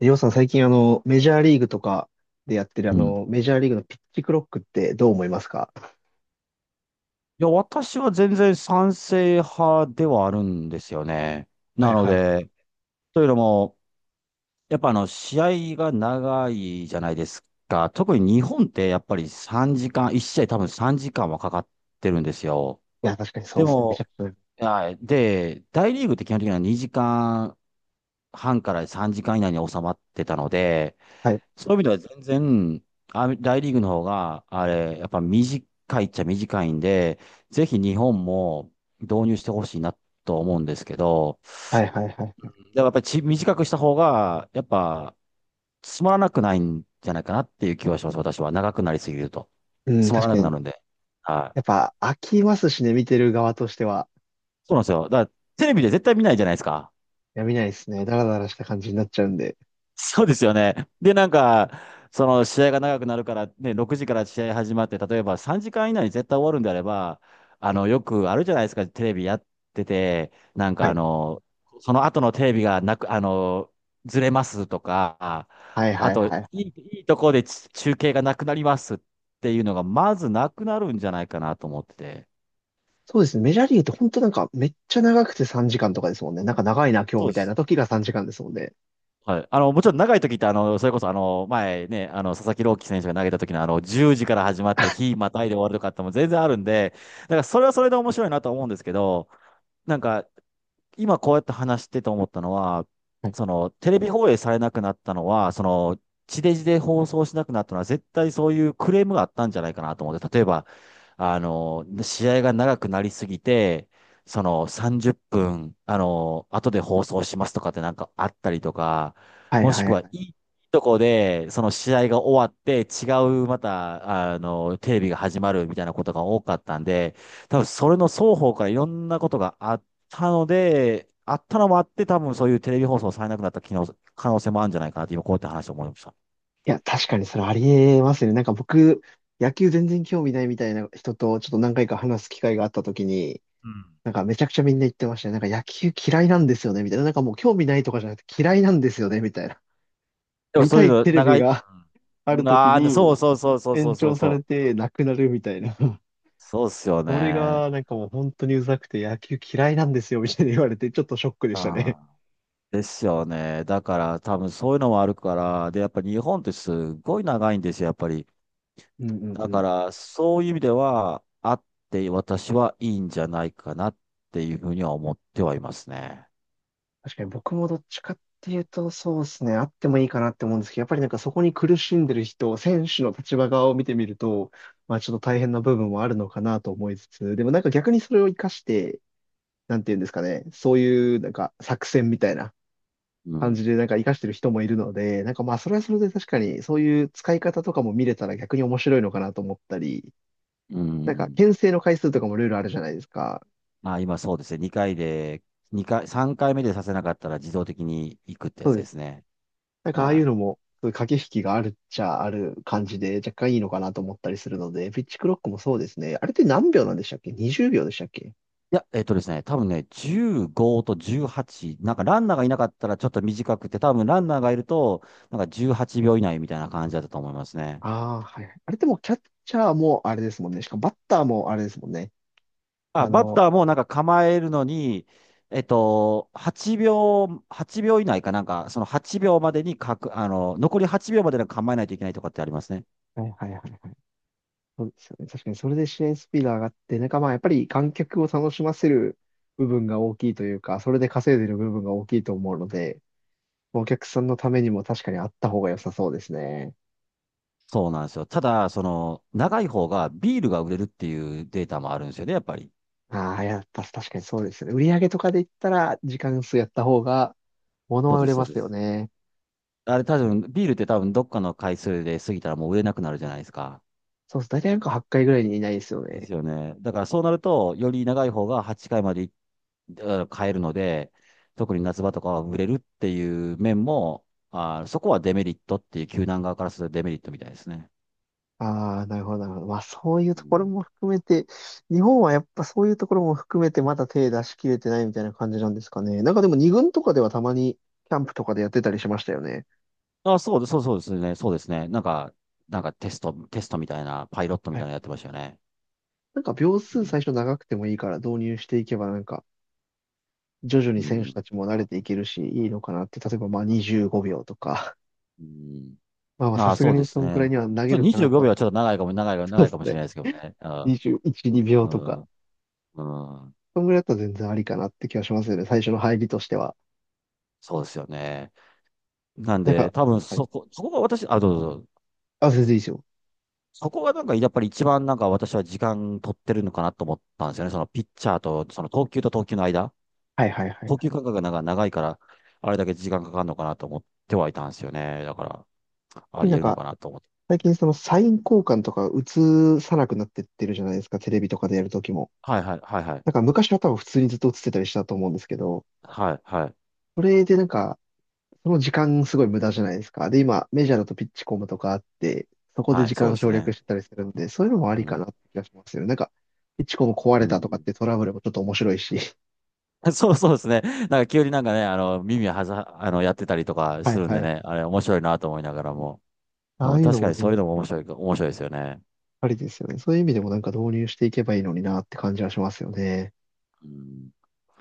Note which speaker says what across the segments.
Speaker 1: りょうさん、最近メジャーリーグとかでやってる
Speaker 2: うん。い
Speaker 1: メジャーリーグのピッチクロックってどう思いますか？
Speaker 2: や、私は全然賛成派ではあるんですよね。
Speaker 1: は
Speaker 2: な
Speaker 1: い
Speaker 2: の
Speaker 1: はい。
Speaker 2: で、というのも、やっぱ試合が長いじゃないですか。特に日本ってやっぱり3時間、1試合多分3時間はかかってるんですよ。
Speaker 1: いや、確かにそう
Speaker 2: で
Speaker 1: ですね。めちゃ
Speaker 2: も、
Speaker 1: くち
Speaker 2: はい。で、大リーグって基本的には2時間半から3時間以内に収まってたので、
Speaker 1: ゃ。はい。
Speaker 2: そういう意味では全然、あ、大リーグの方が、あれ、やっぱ短いっちゃ短いんで、ぜひ日本も導入してほしいなと思うんですけど、
Speaker 1: はいはいはい。
Speaker 2: でもやっぱり短くした方が、やっぱつまらなくないんじゃないかなっていう気はします、私は。長くなりすぎると。
Speaker 1: うん、
Speaker 2: つま
Speaker 1: 確
Speaker 2: ら
Speaker 1: か
Speaker 2: なくな
Speaker 1: に。
Speaker 2: るんで。は
Speaker 1: やっ
Speaker 2: い。
Speaker 1: ぱ飽きますしね、見てる側としては。
Speaker 2: そうなんですよ。だからテレビで絶対見ないじゃないですか。
Speaker 1: やめないですね。ダラダラした感じになっちゃうんで。
Speaker 2: そうですよね。で、なんか、その試合が長くなるから、ね、6時から試合始まって、例えば3時間以内に絶対終わるんであれば、よくあるじゃないですか、テレビやってて、なんか
Speaker 1: はい。
Speaker 2: その後のテレビがなく、ずれますとか、
Speaker 1: はいは
Speaker 2: あ
Speaker 1: い
Speaker 2: と、
Speaker 1: はい。
Speaker 2: いいとこで中継がなくなりますっていうのが、まずなくなるんじゃないかなと思ってて。
Speaker 1: そうですね。メジャーリーグって本当なんかめっちゃ長くて3時間とかですもんね。なんか長いな今日
Speaker 2: そ
Speaker 1: み
Speaker 2: うで
Speaker 1: たいな
Speaker 2: す。
Speaker 1: 時が3時間ですもんね。
Speaker 2: はい。もちろん長い時って、それこそ、前ね、佐々木朗希選手が投げた時の、10時から始まって、日またいで終わるとかっても全然あるんで、だからそれはそれで面白いなとは思うんですけど、なんか、今こうやって話してて思ったのは、
Speaker 1: はい
Speaker 2: その、テレビ放映されなくなったのは、その、地デジで放送しなくなったのは、絶対そういうクレームがあったんじゃないかなと思って、例えば、試合が長くなりすぎて、その、30分、後で放送しますとかってなんかあったりとか、
Speaker 1: はい
Speaker 2: もし
Speaker 1: は
Speaker 2: く
Speaker 1: い
Speaker 2: は、い
Speaker 1: はい。
Speaker 2: いとこで、その試合が終わって、また、テレビが始まるみたいなことが多かったんで、多分それの双方からいろんなことがあったので、あったのもあって、多分そういうテレビ放送されなくなった機能、可能性もあるんじゃないかなって、今こうやって話を思いました。
Speaker 1: いや、確かにそれありえますね。なんか僕、野球全然興味ないみたいな人とちょっと何回か話す機会があった時に、
Speaker 2: うん。
Speaker 1: なんかめちゃくちゃみんな言ってましたね。なんか野球嫌いなんですよね、みたいな。なんかもう興味ないとかじゃなくて嫌いなんですよね、みたいな。
Speaker 2: でも
Speaker 1: 見
Speaker 2: そう
Speaker 1: た
Speaker 2: いう
Speaker 1: い
Speaker 2: の、
Speaker 1: テレビ
Speaker 2: 長い、う
Speaker 1: があ
Speaker 2: ん
Speaker 1: る時
Speaker 2: なあ、そ
Speaker 1: に
Speaker 2: うそうそうそうそう
Speaker 1: 延
Speaker 2: そう
Speaker 1: 長さ
Speaker 2: そ
Speaker 1: れ
Speaker 2: う。
Speaker 1: てなくなるみたいな。
Speaker 2: そうっすよ
Speaker 1: それ
Speaker 2: ね。
Speaker 1: がなんかもう本当にうざくて野球嫌いなんですよ、みたいな言われてちょっとショックでした
Speaker 2: あ
Speaker 1: ね。
Speaker 2: あ、ですよね。だから多分そういうのもあるから、で、やっぱ日本ってすごい長いんですよ、やっぱり。
Speaker 1: うんうんう
Speaker 2: だか
Speaker 1: ん。
Speaker 2: らそういう意味では、あって私はいいんじゃないかなっていうふうには思ってはいますね。
Speaker 1: 確かに僕もどっちかっていうと、そうですね、あってもいいかなって思うんですけど、やっぱりなんかそこに苦しんでる人、選手の立場側を見てみると、まあちょっと大変な部分もあるのかなと思いつつ、でもなんか逆にそれを活かして、なんていうんですかね、そういうなんか作戦みたいな
Speaker 2: う
Speaker 1: 感じ
Speaker 2: ん。
Speaker 1: でなんか活かしてる人もいるので、なんかまあそれはそれで確かにそういう使い方とかも見れたら逆に面白いのかなと思ったり、
Speaker 2: う
Speaker 1: なんか
Speaker 2: ん。
Speaker 1: 牽制の回数とかもルールあるじゃないですか。
Speaker 2: まあ、今そうですね。2回で、二回、3回目でさせなかったら自動的に行くってや
Speaker 1: そ
Speaker 2: つ
Speaker 1: うで
Speaker 2: で
Speaker 1: す
Speaker 2: す
Speaker 1: よね。
Speaker 2: ね。
Speaker 1: なんかああいう
Speaker 2: は
Speaker 1: のも、駆け引きがあるっちゃある感じで、若干いいのかなと思ったりするので、ピッチクロックもそうですね。あれって何秒なんでしたっけ？ 20 秒でしたっけ？
Speaker 2: い。いや、えっとですね、多分ね、15と18、なんかランナーがいなかったらちょっと短くて、多分ランナーがいると、なんか18秒以内みたいな感じだったと思いますね。
Speaker 1: ああー、はいはい。あれってもうキャッチャーもあれですもんね。しかもバッターもあれですもんね。
Speaker 2: まあ、
Speaker 1: あ
Speaker 2: バッ
Speaker 1: の、
Speaker 2: ターもなんか構えるのに、8秒以内かなんか、その8秒までにかく、あの、残り8秒までに構えないといけないとかってありますね。
Speaker 1: はいはいはいはい。そうですよね。確かにそれで試合スピード上がって、なんかまあやっぱり観客を楽しませる部分が大きいというか、それで稼いでる部分が大きいと思うので、お客さんのためにも確かにあった方が良さそうですね。
Speaker 2: そうなんですよ。ただ、その、長い方がビールが売れるっていうデータもあるんですよね、やっぱり。
Speaker 1: ああ、やっぱ確かにそうですよね。売り上げとかで言ったら、時間数やった方が、物
Speaker 2: そう
Speaker 1: は売
Speaker 2: で
Speaker 1: れ
Speaker 2: す、そ
Speaker 1: ま
Speaker 2: うで
Speaker 1: すよ
Speaker 2: す。
Speaker 1: ね。
Speaker 2: あれ多分、ビールって多分どっかの回数で過ぎたらもう売れなくなるじゃないですか。
Speaker 1: そうです。大体なんか8回ぐらいにいないですよ
Speaker 2: です
Speaker 1: ね。
Speaker 2: よね。だからそうなると、より長い方が8回まで買えるので、特に夏場とかは売れるっていう面も、あー、そこはデメリットっていう、球団側からするとデメリットみたいですね。
Speaker 1: ああ、なるほど、なるほど。まあ、そういう
Speaker 2: う
Speaker 1: ところ
Speaker 2: ん
Speaker 1: も含めて、日本はやっぱそういうところも含めて、まだ手出し切れてないみたいな感じなんですかね。なんかでも、二軍とかではたまに、キャンプとかでやってたりしましたよね。
Speaker 2: あ、そうです、そうそうですね。そうですね。なんか、テストみたいな、パイロットみ
Speaker 1: は
Speaker 2: たい
Speaker 1: い。
Speaker 2: なのやってましたよね。
Speaker 1: なんか、秒
Speaker 2: う
Speaker 1: 数
Speaker 2: ん。
Speaker 1: 最初長くてもいいから導入していけば、なんか、徐々に
Speaker 2: う
Speaker 1: 選手た
Speaker 2: ん。
Speaker 1: ちも慣れていけるし、いいのかなって、例えばまあ25秒とか、
Speaker 2: うん。
Speaker 1: まあまあ、
Speaker 2: あ
Speaker 1: さ
Speaker 2: あ、
Speaker 1: すが
Speaker 2: そうで
Speaker 1: に
Speaker 2: す
Speaker 1: そんくらい
Speaker 2: ね。
Speaker 1: には投
Speaker 2: ちょ
Speaker 1: げ
Speaker 2: っ
Speaker 1: る
Speaker 2: と
Speaker 1: かな
Speaker 2: 25秒
Speaker 1: と。
Speaker 2: はちょっと
Speaker 1: そ
Speaker 2: 長
Speaker 1: う
Speaker 2: い
Speaker 1: で
Speaker 2: か
Speaker 1: す
Speaker 2: もしれ
Speaker 1: ね。
Speaker 2: ないですけど ね。うん。
Speaker 1: 21、2
Speaker 2: う
Speaker 1: 秒とか。
Speaker 2: ん。うん
Speaker 1: そんぐらいだったら全然ありかなって気がしますよね。最初の入りとしては。
Speaker 2: そうですよね。なん
Speaker 1: なん
Speaker 2: で、
Speaker 1: か、
Speaker 2: 多分
Speaker 1: はい。
Speaker 2: そこ、そこがあ、どうぞどうぞ。
Speaker 1: あ、全然いいですよ。
Speaker 2: そこがなんか、やっぱり一番なんか私は時間取ってるのかなと思ったんですよね。そのピッチャーと、その投球と投球の間。
Speaker 1: はいはいはい
Speaker 2: 投
Speaker 1: は
Speaker 2: 球
Speaker 1: い。
Speaker 2: 間隔がなんか長いから、あれだけ時間かかるのかなと思ってはいたんですよね。だから、あ
Speaker 1: 特に
Speaker 2: り
Speaker 1: なん
Speaker 2: 得るの
Speaker 1: か、
Speaker 2: かなと思って。
Speaker 1: 最近そのサイン交換とか映さなくなってってるじゃないですか。テレビとかでやるときも。
Speaker 2: はいはい、はいはい。
Speaker 1: なんか昔は多分普通にずっと映ってたりしたと思うんですけど、
Speaker 2: はいはい。
Speaker 1: それでなんか、その時間すごい無駄じゃないですか。で、今、メジャーだとピッチコムとかあって、そこで
Speaker 2: は
Speaker 1: 時
Speaker 2: い、そう
Speaker 1: 間
Speaker 2: です
Speaker 1: 省略
Speaker 2: ね。
Speaker 1: してたりするんで、そういうのもあ
Speaker 2: う
Speaker 1: りか
Speaker 2: ん。
Speaker 1: なって気がしますよね。なんか、ピッチコム壊
Speaker 2: う
Speaker 1: れたとかっ
Speaker 2: ん
Speaker 1: てトラブルもちょっと面白いし。
Speaker 2: そうそうですね。なんか急になんかね、あの、耳はざ、あの、やってたりとか
Speaker 1: は
Speaker 2: す
Speaker 1: い
Speaker 2: るんで
Speaker 1: は
Speaker 2: ね、
Speaker 1: い。
Speaker 2: あれ面白いなと思いながらも。
Speaker 1: あ
Speaker 2: う
Speaker 1: あ
Speaker 2: ん、
Speaker 1: いうの
Speaker 2: 確か
Speaker 1: も
Speaker 2: にそ
Speaker 1: 全
Speaker 2: ういうの
Speaker 1: 然
Speaker 2: も面白いですよね。
Speaker 1: ありですよね。そういう意味でもなんか導入していけばいいのになって感じはしますよね。
Speaker 2: うん、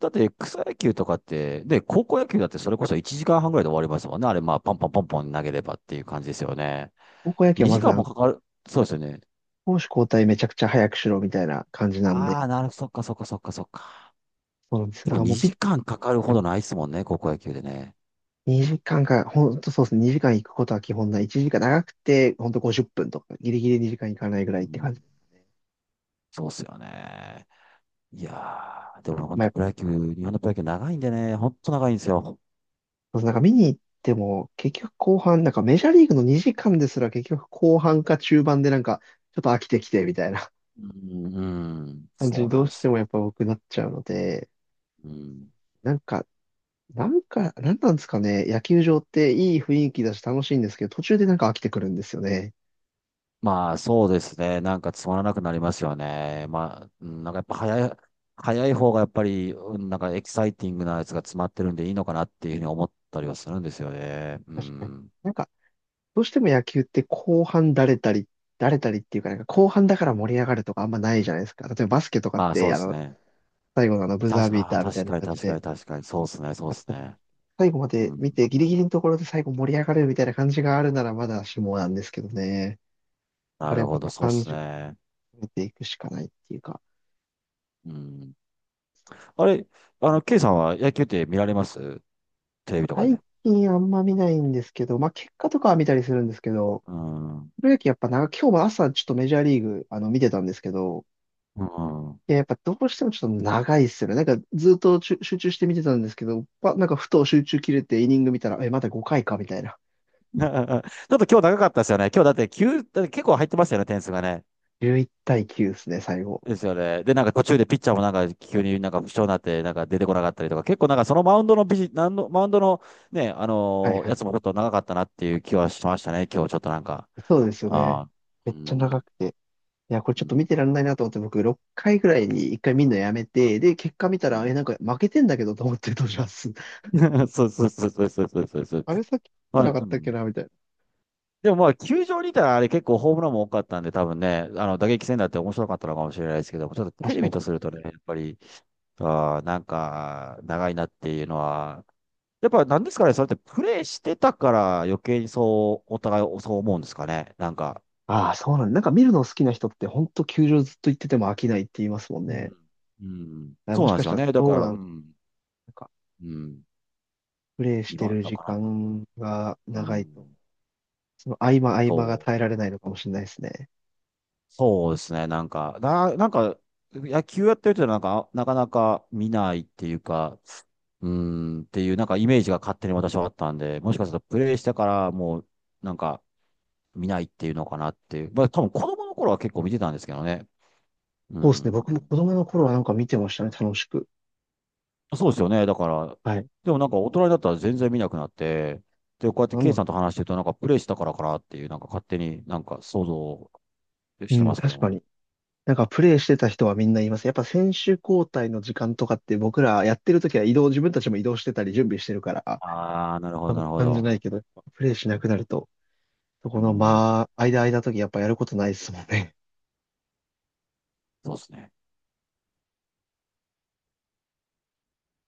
Speaker 2: だって草野球とかって、で、高校野球だってそれこそ1時間半ぐらいで終わりますもんね。あれ、まあ、ポンポンポンポン投げればっていう感じですよね。
Speaker 1: 高校野球はま
Speaker 2: 2
Speaker 1: ず
Speaker 2: 時間もかかる。そうですよね。
Speaker 1: 攻守交代めちゃくちゃ早くしろみたいな感じなんで。
Speaker 2: ああ、そっかそっかそっかそっか。
Speaker 1: そうなんですよ。
Speaker 2: で
Speaker 1: だ
Speaker 2: も
Speaker 1: からもう
Speaker 2: 2時間かかるほどないですもんね、高校野球でね。
Speaker 1: 2時間か、ほんとそうですね。2時間行くことは基本ない。1時間長くて、ほんと50分とか、ギリギリ2時間行かないぐら
Speaker 2: う
Speaker 1: いって
Speaker 2: ん、
Speaker 1: 感じですね。
Speaker 2: そうっすよね。いやー、でも本
Speaker 1: ま
Speaker 2: 当
Speaker 1: あ、
Speaker 2: プロ野球、日本のプロ野球長いんでね、本当長いんですよ。
Speaker 1: なんか見に行っても、結局後半、なんかメジャーリーグの2時間ですら結局後半か中盤でなんか、ちょっと飽きてきてみたいな
Speaker 2: うん、うん、
Speaker 1: 感じ
Speaker 2: そ
Speaker 1: に
Speaker 2: うな
Speaker 1: ど
Speaker 2: ん
Speaker 1: う
Speaker 2: で
Speaker 1: し
Speaker 2: す
Speaker 1: て
Speaker 2: よ。
Speaker 1: もやっぱ僕なっちゃうので、
Speaker 2: うん。
Speaker 1: なんか、なんなんですかね、野球場っていい雰囲気だし楽しいんですけど、途中でなんか飽きてくるんですよね。
Speaker 2: まあ、そうですね。なんかつまらなくなりますよね。まあ、うんなんかやっぱ早い、早い方がやっぱり、うんなんかエキサイティングなやつが詰まってるんでいいのかなっていうふうに思ったりはするんですよね。う
Speaker 1: 確かに。
Speaker 2: ん。
Speaker 1: なんか、どうしても野球って後半だれたり、だれたりっていうか、なんか後半だか
Speaker 2: う
Speaker 1: ら
Speaker 2: ん
Speaker 1: 盛り上がるとかあんまないじゃないですか。例えばバスケとかっ
Speaker 2: まあ、そ
Speaker 1: て、
Speaker 2: うですね。
Speaker 1: 最後のあのブザービー
Speaker 2: ああ、
Speaker 1: ターみた
Speaker 2: 確
Speaker 1: いな
Speaker 2: かに
Speaker 1: 感じ
Speaker 2: 確か
Speaker 1: で、
Speaker 2: に確かに。そうですね、そうですね。
Speaker 1: 最後まで
Speaker 2: う
Speaker 1: 見
Speaker 2: ん。
Speaker 1: て、ギリギリのところで最後盛り上がるみたいな感じがあるならまだしもなんですけどね。だか
Speaker 2: な
Speaker 1: ら
Speaker 2: る
Speaker 1: やっ
Speaker 2: ほ
Speaker 1: ぱ
Speaker 2: ど、そうで
Speaker 1: 短
Speaker 2: す
Speaker 1: 時間
Speaker 2: ね。
Speaker 1: 見ていくしかないっていうか、
Speaker 2: うん。あれ、ケイさんは野球って見られますテレビとか
Speaker 1: 最
Speaker 2: で。
Speaker 1: 近あんま見ないんですけど、まあ結果とかは見たりするんですけど、
Speaker 2: うん。うん。
Speaker 1: プ ロ野球やっぱな、今日も朝ちょっとメジャーリーグ見てたんですけど、いや、やっぱどうしてもちょっと長いっすよね。なんかずっと集中して見てたんですけど、なんかふと集中切れてイニング見たら、え、まだ5回かみたいな。
Speaker 2: ちょっと今日長かったですよね。今日だって急、だって結構入ってましたよね、点数がね。
Speaker 1: 11-9ですね、最後。
Speaker 2: ですよね。で、なんか途中でピッチャーもなんか急になんか負傷になって、なんか出てこなかったりとか、結構なんかそのマウンドの
Speaker 1: はいは
Speaker 2: や
Speaker 1: い。
Speaker 2: つもちょっと長かったなっていう気はしましたね、今日ちょっとなんか。
Speaker 1: そうですよ
Speaker 2: あ
Speaker 1: ね。
Speaker 2: あ。
Speaker 1: め
Speaker 2: う
Speaker 1: っちゃ長
Speaker 2: ん。
Speaker 1: くて。いや、これち
Speaker 2: う
Speaker 1: ょっと見
Speaker 2: ん。
Speaker 1: てらんないなと思って、僕6回ぐらいに1回見るのやめて、で、結果見た
Speaker 2: う
Speaker 1: ら、え、な
Speaker 2: ん
Speaker 1: んか負けてんだけどと思ってどうします。
Speaker 2: そうそうそうそうそうそうそう。
Speaker 1: あれさっき言っ
Speaker 2: ま
Speaker 1: てなか
Speaker 2: あ、
Speaker 1: っ
Speaker 2: う
Speaker 1: たっけ
Speaker 2: ん
Speaker 1: なみたいな。
Speaker 2: でもまあ、球場にいたらあれ結構ホームランも多かったんで、多分ね、打撃戦だって面白かったのかもしれないですけども、ちょっとテ
Speaker 1: 確
Speaker 2: レ
Speaker 1: か
Speaker 2: ビ
Speaker 1: に。
Speaker 2: とするとね、やっぱり、あーなんか、長いなっていうのは、やっぱなんですかね、それってプレイしてたから余計にそう、お互いそう思うんですかね、なんか。
Speaker 1: ああ、そうなんだ。なんか見るの好きな人って、ほんと球場ずっと行ってても飽きないって言いますもん
Speaker 2: う
Speaker 1: ね。
Speaker 2: ん。うん。
Speaker 1: あ
Speaker 2: そ
Speaker 1: も
Speaker 2: う
Speaker 1: し
Speaker 2: なんで
Speaker 1: かし
Speaker 2: す
Speaker 1: た
Speaker 2: よ
Speaker 1: ら
Speaker 2: ね。だか
Speaker 1: そう
Speaker 2: ら、
Speaker 1: な
Speaker 2: う
Speaker 1: のか。
Speaker 2: ん。
Speaker 1: なんか、
Speaker 2: うん。
Speaker 1: プレイして
Speaker 2: 今
Speaker 1: る
Speaker 2: だ
Speaker 1: 時
Speaker 2: から、
Speaker 1: 間が
Speaker 2: う
Speaker 1: 長い
Speaker 2: ん。
Speaker 1: と、その合間合間が
Speaker 2: そう。
Speaker 1: 耐えられないのかもしれないですね。
Speaker 2: そうですね、野球やってる人はなんか、なかなか見ないっていうか、うーん、っていう、なんかイメージが勝手に私はあったんで、もしかするとプレイしてからもう、なんか見ないっていうのかなっていう。まあ多分子供の頃は結構見てたんですけどね。う
Speaker 1: そうですね。
Speaker 2: ん。
Speaker 1: 僕も子供の頃はなんか見てましたね。楽しく。
Speaker 2: そうですよね。だから、
Speaker 1: はい。
Speaker 2: でもなんか大人になったら全然見なくなって、で、こうやって
Speaker 1: なん
Speaker 2: ケイ
Speaker 1: な
Speaker 2: さんと話してるとなんかプレイしたからかなっていう、なんか勝手になんか想像し
Speaker 1: う
Speaker 2: てま
Speaker 1: ん、
Speaker 2: すけど
Speaker 1: 確か
Speaker 2: も。
Speaker 1: に。なんかプレイしてた人はみんな言います。やっぱ選手交代の時間とかって僕らやってる時は移動、自分たちも移動してたり準備してるから、
Speaker 2: ああ、なるほ
Speaker 1: 多
Speaker 2: ど、な
Speaker 1: 分
Speaker 2: るほ
Speaker 1: 感じ
Speaker 2: ど。
Speaker 1: ないけど、プレイしなくなると、そ
Speaker 2: う
Speaker 1: この
Speaker 2: ん、
Speaker 1: まあ、間間時やっぱやることないですもんね。
Speaker 2: そうですね。